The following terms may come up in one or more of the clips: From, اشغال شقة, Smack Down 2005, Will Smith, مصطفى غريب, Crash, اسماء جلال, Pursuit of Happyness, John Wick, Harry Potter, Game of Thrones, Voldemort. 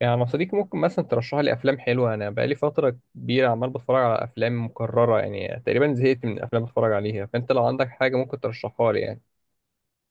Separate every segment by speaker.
Speaker 1: يعني أنا صديقي ممكن مثلا ترشح لي افلام حلوه، انا بقالي فتره كبيره عمال بتفرج على افلام مكرره، يعني تقريبا زهقت من الافلام اللي بتفرج عليها، فانت لو عندك حاجه ممكن ترشحها لي يعني.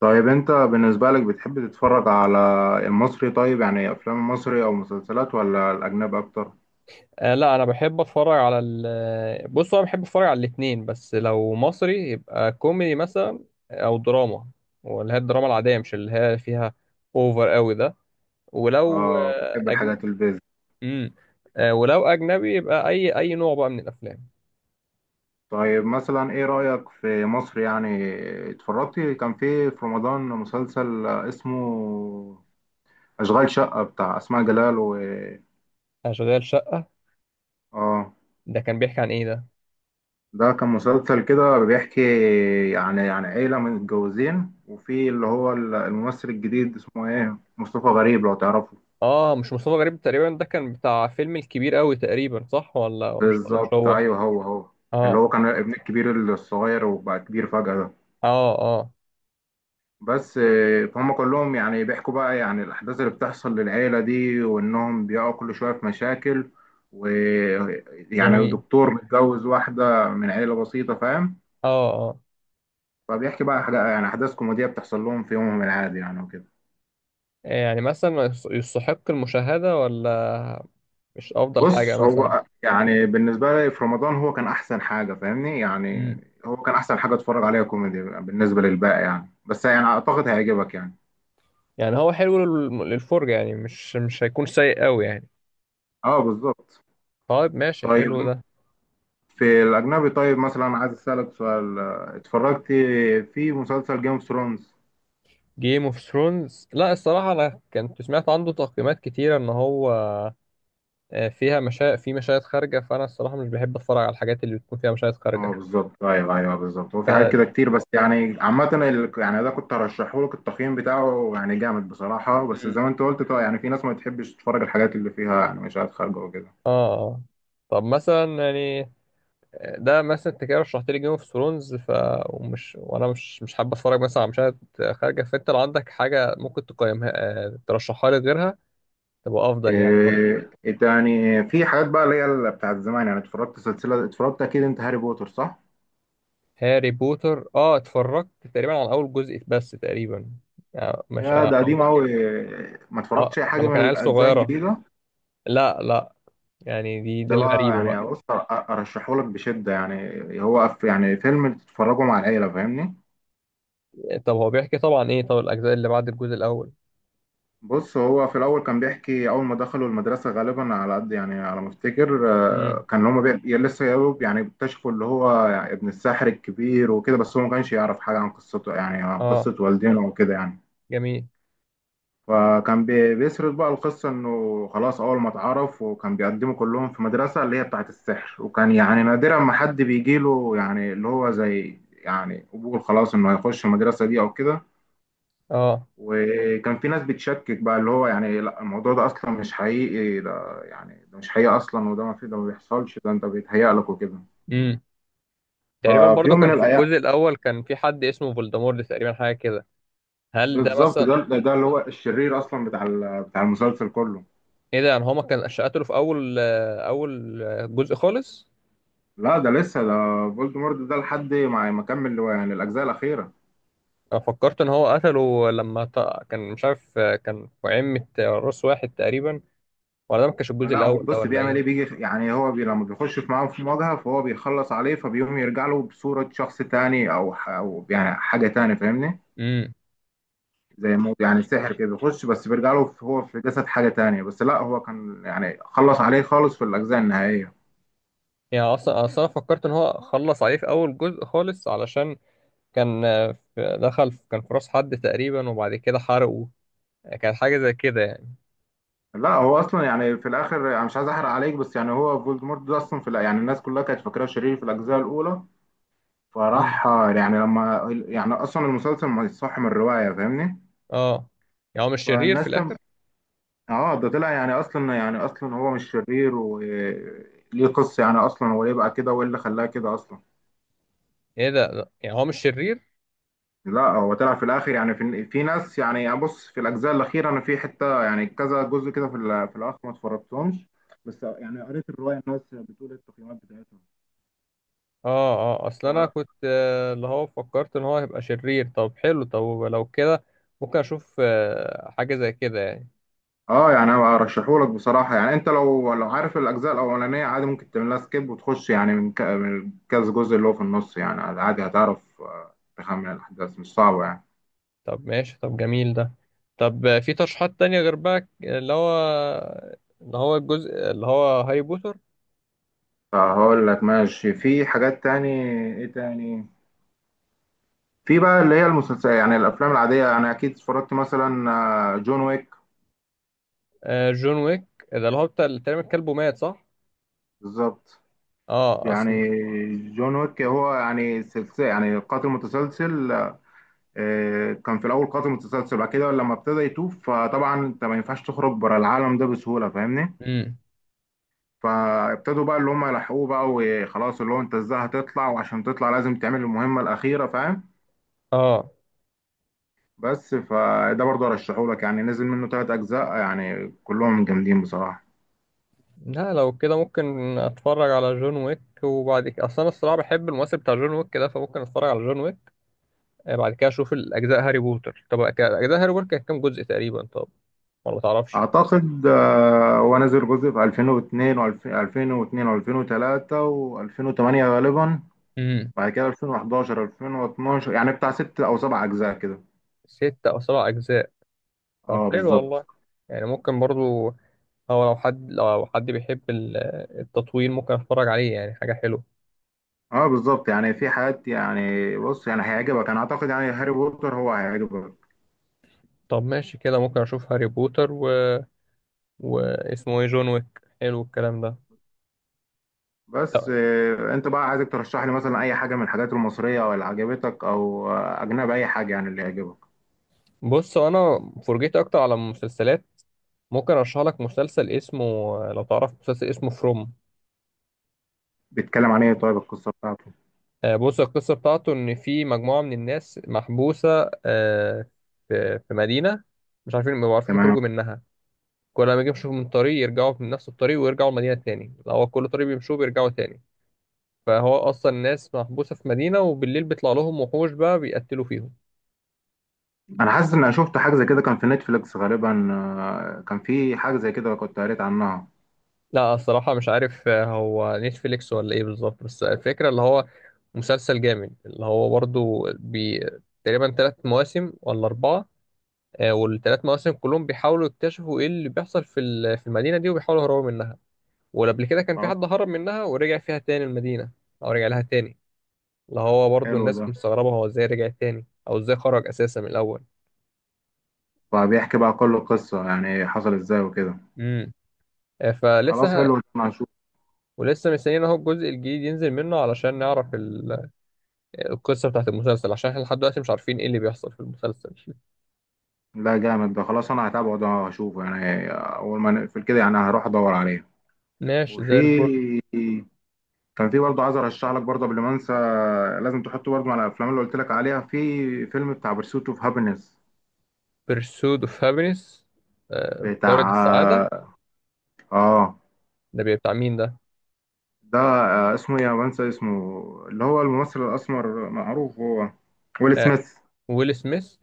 Speaker 2: طيب انت بالنسبة لك بتحب تتفرج على المصري، طيب يعني افلام مصري او مسلسلات ولا الاجنبي اكتر؟
Speaker 1: آه لا، انا بحب اتفرج على ال آه، بص، هو انا بحب اتفرج على الاتنين، بس لو مصري يبقى كوميدي مثلا او دراما، واللي هي الدراما العاديه، مش اللي هي فيها اوفر قوي ده. ولو
Speaker 2: اه، بتحب الحاجات البيزك.
Speaker 1: مم. آه ولو اجنبي يبقى اي نوع بقى من الافلام.
Speaker 2: طيب مثلا ايه رأيك في مصر يعني؟ اتفرجت كان في رمضان مسلسل اسمه اشغال شقة بتاع اسماء جلال و
Speaker 1: اشغال شقه.
Speaker 2: اه
Speaker 1: ده كان بيحكي عن ايه ده؟
Speaker 2: ده كان مسلسل كده بيحكي يعني عن عيلة متجوزين، وفي اللي هو الممثل الجديد اسمه ايه، مصطفى غريب لو تعرفه؟
Speaker 1: اه مش مصطفى غريب تقريبا، ده كان بتاع فيلم الكبير قوي تقريبا، صح ولا مش
Speaker 2: بالظبط
Speaker 1: هو؟
Speaker 2: ايوه هو هو، اللي
Speaker 1: اه.
Speaker 2: هو كان ابن الكبير الصغير وبقى كبير فجأة ده.
Speaker 1: اه. اه.
Speaker 2: بس فهم كلهم يعني بيحكوا بقى يعني الأحداث اللي بتحصل للعيلة دي، وإنهم بيقعوا كل شوية في مشاكل، ويعني
Speaker 1: جميل.
Speaker 2: دكتور متجوز واحدة من عيلة بسيطة، فاهم.
Speaker 1: اه. اه.
Speaker 2: فبيحكي بقى حاجة يعني أحداث كوميدية بتحصل لهم في يومهم العادي يعني وكده.
Speaker 1: يعني مثلا ما يستحق المشاهدة ولا، مش افضل حاجة
Speaker 2: بص
Speaker 1: مثلا؟
Speaker 2: هو يعني بالنسبة لي في رمضان هو كان أحسن حاجة، فاهمني يعني.
Speaker 1: مم.
Speaker 2: هو كان أحسن حاجة أتفرج عليها كوميدي بالنسبة للباقي يعني، بس يعني أعتقد هيعجبك يعني.
Speaker 1: يعني هو حلو للفرجة، يعني مش هيكون سيء قوي يعني.
Speaker 2: اه بالظبط.
Speaker 1: طيب ماشي، حلو
Speaker 2: طيب
Speaker 1: ده.
Speaker 2: في الأجنبي، طيب مثلا عايز أسألك سؤال، اتفرجت في مسلسل جيم اوف ثرونز؟
Speaker 1: جيم اوف ثرونز، لا الصراحة انا كنت سمعت عنده تقييمات كتيرة ان هو فيها في مشاهد خارجة، فانا الصراحة مش بحب اتفرج على الحاجات اللي بتكون فيها مشاهد
Speaker 2: اه
Speaker 1: خارجة.
Speaker 2: بالظبط، ايوه ايوه بالظبط. هو في حاجات
Speaker 1: ف...
Speaker 2: كده كتير، بس يعني عامة يعني ده كنت هرشحه لك، التقييم بتاعه يعني جامد بصراحة، بس زي
Speaker 1: مم.
Speaker 2: ما انت قلت طبعا يعني في ناس ما بتحبش تتفرج الحاجات اللي فيها يعني مشاهد خارجة وكده.
Speaker 1: اه آه. طب مثلا يعني، ده مثلا انت كده رشحت لي جيم اوف ثرونز، ف ومش وانا مش حابب اتفرج مثلا على مشاهد خارجه، فانت لو عندك حاجه ممكن تقيمها، ترشحها لي غيرها تبقى افضل يعني برضه.
Speaker 2: إيه إيه تاني في حاجات بقى اللي هي بتاعت زمان، يعني اتفرجت سلسلة، اتفرجت أكيد أنت هاري بوتر صح؟
Speaker 1: هاري بوتر، اه اتفرجت تقريبا على اول جزء بس تقريبا، يعني مش
Speaker 2: يا ده
Speaker 1: او
Speaker 2: قديم
Speaker 1: ممكن.
Speaker 2: أوي، ما
Speaker 1: اه
Speaker 2: اتفرجتش أي حاجة
Speaker 1: لما
Speaker 2: من
Speaker 1: كان عيل
Speaker 2: الأجزاء
Speaker 1: صغيره.
Speaker 2: الجديدة.
Speaker 1: لا لا، يعني دي
Speaker 2: ده بقى
Speaker 1: الغريبه بقى.
Speaker 2: يعني بص، ارشحه لك بشده يعني، هو يعني فيلم تتفرجوا مع العيله فاهمني.
Speaker 1: طب هو بيحكي طبعا ايه؟ طب الاجزاء اللي بعد الجزء الاول؟
Speaker 2: بص هو في الاول كان بيحكي اول ما دخلوا المدرسه غالبا على قد يعني على ما افتكر،
Speaker 1: امم.
Speaker 2: كان هما يا لسه يا دوب يعني اكتشفوا اللي هو يعني ابن الساحر الكبير وكده، بس هو ما كانش يعرف حاجه عن قصته يعني عن
Speaker 1: اه.
Speaker 2: قصه والدينه وكده يعني.
Speaker 1: جميل.
Speaker 2: فكان بيسرد بقى القصة إنه خلاص أول ما اتعرف، وكان بيقدموا كلهم في مدرسة اللي هي بتاعة السحر، وكان يعني نادرا ما حد بيجيله يعني اللي هو زي يعني قبول خلاص إنه هيخش المدرسة دي أو كده.
Speaker 1: اه.
Speaker 2: وكان في ناس بتشكك بقى اللي هو يعني لا الموضوع ده أصلا مش حقيقي، ده يعني ده مش حقيقي أصلا، وده ما في، ده ما بيحصلش، ده أنت بيتهيأ لك وكده.
Speaker 1: امم. تقريبا
Speaker 2: ففي
Speaker 1: برضو
Speaker 2: يوم من
Speaker 1: كان في
Speaker 2: الأيام
Speaker 1: الجزء الاول كان في حد اسمه فولدمورت تقريبا، حاجه كده. هل ده
Speaker 2: بالظبط،
Speaker 1: مثلا،
Speaker 2: ده اللي هو الشرير أصلا بتاع بتاع المسلسل كله.
Speaker 1: ايه ده؟ يعني هو ما كان قتله في اول جزء خالص؟
Speaker 2: لا ده لسه، ده فولدمورت ده لحد ما كمل يعني الاجزاء الاخيره.
Speaker 1: انا فكرت ان هو قتله لما كان مش عارف، كان في عمة راس واحد تقريبا، ولا ده ما كانش الجزء
Speaker 2: لا هو
Speaker 1: الاول ده
Speaker 2: بص
Speaker 1: ولا
Speaker 2: بيعمل
Speaker 1: ايه؟
Speaker 2: ايه، بيجي يعني هو بي لما بيخش في معاهم في مواجهه، فهو بيخلص عليه، فبيقوم يرجع له بصوره شخص تاني او او يعني حاجه تاني فاهمني.
Speaker 1: امم.
Speaker 2: زي مو يعني سحر كده بيخش، بس بيرجع له هو في جسد حاجه تانية، بس لا هو كان يعني خلص عليه خالص في الاجزاء النهائيه.
Speaker 1: يعني اصلا فكرت ان هو خلص عليه في اول جزء خالص، علشان كان آه، في- دخل في- كان في راس حد تقريبا وبعد كده حرقه، كانت حاجه زي كده يعني.
Speaker 2: لا هو اصلا يعني في الاخر انا مش عايز احرق عليك، بس يعني هو فولدمورت ده اصلا في يعني الناس كلها كانت فاكراه شرير في الاجزاء الاولى.
Speaker 1: امم.
Speaker 2: فراح يعني لما يعني اصلا المسلسل مصح من الروايه فاهمني.
Speaker 1: اه يعني هو مش شرير في،
Speaker 2: فالناس لما اه ده طلع يعني اصلا يعني اصلا هو مش شرير وليه قصه، يعني اصلا هو ليه بقى كده وايه اللي خلاه كده اصلا.
Speaker 1: ايه ده؟ لا، يعني هو مش شرير.
Speaker 2: لا هو طلع في الاخر، يعني في ناس يعني يعني بص في الاجزاء الاخيره انا في حته يعني كذا جزء كده في في الاخر ما اتفرجتهمش، بس يعني قريت الروايه الناس بتقول إيه التقييمات بتاعتها.
Speaker 1: اه. اه. اصل انا كنت، اللي هو فكرت ان هو هيبقى شرير. طب حلو، طب لو كده ممكن اشوف حاجة زي كده يعني.
Speaker 2: اه، يعني انا ارشحهولك بصراحه يعني. انت لو عارف الاجزاء الاولانيه عادي ممكن تعمل لها سكيب، وتخش يعني من من كذا جزء اللي هو في النص يعني، عادي هتعرف، تخمن الاحداث مش صعبه يعني.
Speaker 1: طب ماشي، طب جميل ده. طب في ترشيحات تانية غير بقى اللي هو، اللي هو الجزء اللي هو هاري بوتر،
Speaker 2: فهقول لك ماشي، في حاجات تاني. ايه تاني؟ في بقى اللي هي المسلسلات يعني الافلام العاديه يعني، اكيد اتفرجت مثلا جون ويك.
Speaker 1: جون ويك. ده اللي هو بتاع اللي تقريبا كلبه مات صح؟
Speaker 2: بالظبط.
Speaker 1: اه
Speaker 2: يعني
Speaker 1: اصل.
Speaker 2: جون ويك هو يعني سلسله، يعني قاتل متسلسل. كان في الاول قاتل متسلسل، بعد كده لما ابتدى يتوب فطبعا انت ما ينفعش تخرج بره العالم ده بسهوله فاهمني.
Speaker 1: امم.
Speaker 2: فابتدوا بقى اللي هم يلحقوه بقى وخلاص، اللي هو انت ازاي هتطلع؟ وعشان تطلع لازم تعمل المهمه الاخيره فاهم.
Speaker 1: اه.
Speaker 2: بس فده برضه ارشحه لك يعني، نزل منه ثلاث اجزاء يعني كلهم جامدين بصراحه.
Speaker 1: لا لو كده ممكن اتفرج على جون ويك، وبعد كده، اصل انا الصراحة بحب الممثل بتاع جون ويك ده، فممكن اتفرج على جون ويك، بعد كده اشوف الاجزاء هاري بوتر. طب اجزاء هاري بوتر كانت كام جزء تقريبا طب؟ ولا تعرفش؟
Speaker 2: اعتقد هو نزل جزء في 2002 و2002 و2003 و2008 غالبا،
Speaker 1: امم.
Speaker 2: بعد كده 2011 2012، يعني بتاع ست او سبع اجزاء كده.
Speaker 1: ستة أو سبع أجزاء. طب
Speaker 2: اه
Speaker 1: حلو
Speaker 2: بالظبط.
Speaker 1: والله. يعني ممكن برضو، أو لو حد بيحب التطويل ممكن أتفرج عليه، يعني حاجة حلوة.
Speaker 2: اه بالظبط، يعني في حاجات يعني بص يعني هيعجبك انا اعتقد يعني، هاري بوتر هو هيعجبك.
Speaker 1: طب ماشي كده ممكن أشوف هاري بوتر واسمه إيه، جون ويك. حلو الكلام ده.
Speaker 2: بس
Speaker 1: طب
Speaker 2: انت بقى، عايزك ترشح لي مثلا اي حاجه من الحاجات المصريه او اللي عجبتك، او اجنبي اي حاجه يعني اللي يعجبك.
Speaker 1: بص أنا فرجيت أكتر على المسلسلات، ممكن أرشح لك مسلسل اسمه، لو تعرف مسلسل اسمه فروم،
Speaker 2: بيتكلم عن ايه طيب، القصه بتاعته؟
Speaker 1: بص القصة بتاعته إن في مجموعة من الناس محبوسة، في مدينة، مش عارفين، ما بيعرفوش
Speaker 2: تمام.
Speaker 1: يخرجوا منها، كل ما يجي يمشوا من طريق يرجعوا من نفس الطريق ويرجعوا المدينة تاني، لو هو كل طريق بيمشوه بيرجعوا تاني، فهو أصلا الناس محبوسة في مدينة، وبالليل بيطلع لهم وحوش بقى بيقتلوا فيهم.
Speaker 2: انا حاسس ان انا شفت حاجه زي كده كان في نتفليكس غالبا، كان في حاجه زي كده كنت قريت عنها.
Speaker 1: لا الصراحة مش عارف، هو نتفليكس ولا إيه بالظبط، بس الفكرة اللي هو مسلسل جامد، اللي هو برضه تقريبا تلات مواسم ولا أربعة، والثلاث مواسم كلهم بيحاولوا يكتشفوا ايه اللي بيحصل في في المدينه دي، وبيحاولوا يهربوا منها. وقبل كده كان في
Speaker 2: خلاص
Speaker 1: حد هرب منها ورجع فيها تاني المدينه، او رجع لها تاني، اللي هو برضو
Speaker 2: حلو ده.
Speaker 1: الناس مستغربه هو ازاي رجع تاني او ازاي خرج اساسا من الاول.
Speaker 2: فبيحكي بقى كل القصه يعني حصل ازاي وكده.
Speaker 1: امم.
Speaker 2: خلاص
Speaker 1: فلسه،
Speaker 2: حلو ده انا هشوف.
Speaker 1: ولسه مستنيين اهو الجزء الجديد ينزل منه علشان نعرف القصه بتاعت المسلسل، عشان احنا لحد دلوقتي مش عارفين ايه اللي بيحصل في المسلسل.
Speaker 2: لا جامد ده، خلاص انا هتابعه، ده هشوفه يعني اول ما نقفل كده يعني هروح ادور عليه.
Speaker 1: ماشي
Speaker 2: وفي،
Speaker 1: زي الفل.
Speaker 2: كان في برضه عايز ارشح لك برضه قبل ما انسى، لازم تحطه برضه على الافلام اللي قلت لك عليها، في فيلم بتاع برسوت اوف هابينس.
Speaker 1: بيرسود اوف هابينس. طارد السعاده.
Speaker 2: بتاع اه
Speaker 1: ده بيبقى بتاع مين ده؟
Speaker 2: ده اسمه إيه؟ انا بنسى اسمه. اللي هو الممثل الاسمر معروف هو، ويل
Speaker 1: آه،
Speaker 2: سميث.
Speaker 1: ويل سميث.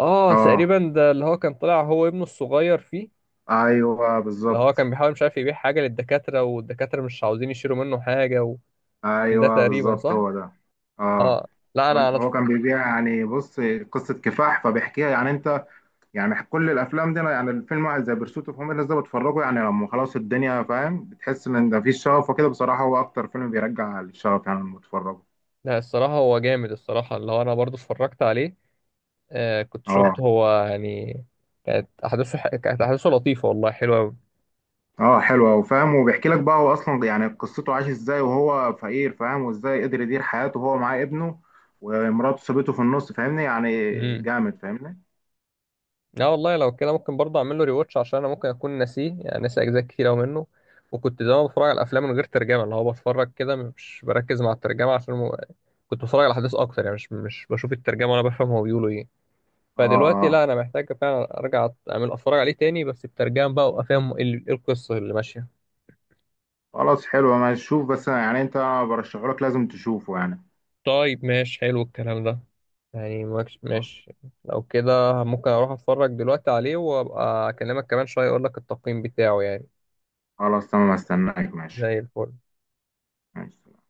Speaker 1: اه
Speaker 2: اه
Speaker 1: تقريبا ده اللي هو كان طلع هو ابنه الصغير فيه،
Speaker 2: ايوه
Speaker 1: اللي هو
Speaker 2: بالظبط،
Speaker 1: كان بيحاول، مش عارف، يبيع حاجة للدكاترة والدكاترة مش عاوزين يشيلوا منه حاجة وكان، ده
Speaker 2: ايوه
Speaker 1: تقريبا
Speaker 2: بالظبط
Speaker 1: صح؟
Speaker 2: هو ده. اه،
Speaker 1: اه. لا انا
Speaker 2: هو كان بيبيع، يعني بص قصه كفاح فبيحكيها يعني. انت يعني كل الافلام دي أنا يعني الفيلم واحد زي برسوت اوف هوميلنس ده بتفرجه يعني لما خلاص الدنيا، فاهم، بتحس ان ده فيه شغف وكده بصراحه، هو اكتر فيلم بيرجع الشغف يعني لما بتفرجه.
Speaker 1: لا، الصراحة هو جامد الصراحة، اللي هو انا برضو اتفرجت عليه، كنت
Speaker 2: اه
Speaker 1: شفت هو يعني، كانت احداثه لطيفة والله، حلوة قوي.
Speaker 2: اه، حلو أوي، فاهم. وبيحكي لك بقى هو اصلا يعني قصته عاش ازاي وهو فقير، فاهم، وازاي قدر يدير حياته وهو معاه ابنه، ومراته سابته في النص فاهمني يعني،
Speaker 1: امم.
Speaker 2: جامد فاهمني.
Speaker 1: لا والله، لو كده ممكن برضه اعمل له ريواتش، عشان انا ممكن اكون ناسيه، يعني ناسي اجزاء كتير قوي منه، وكنت زمان بتفرج على الافلام من غير ترجمه، اللي هو بتفرج كده مش بركز مع الترجمه، عشان كنت بتفرج على احداث اكتر، يعني مش بشوف الترجمه وانا بفهم هو بيقولوا ايه،
Speaker 2: اه
Speaker 1: فدلوقتي لا،
Speaker 2: اه،
Speaker 1: انا محتاج فعلا ارجع اعمل اتفرج عليه تاني بس بترجمه بقى، وافهم ايه إيه القصه اللي ماشيه.
Speaker 2: خلاص حلو ماشي، شوف بس يعني انت، برشحه لك لازم تشوفه يعني.
Speaker 1: طيب ماشي حلو الكلام ده. يعني
Speaker 2: خلاص.
Speaker 1: ماشي. لو كده ممكن اروح اتفرج دلوقتي عليه وابقى اكلمك كمان شويه اقول لك التقييم بتاعه يعني.
Speaker 2: خلاص تمام، استناك ماشي.
Speaker 1: زي الفل.
Speaker 2: ماشي.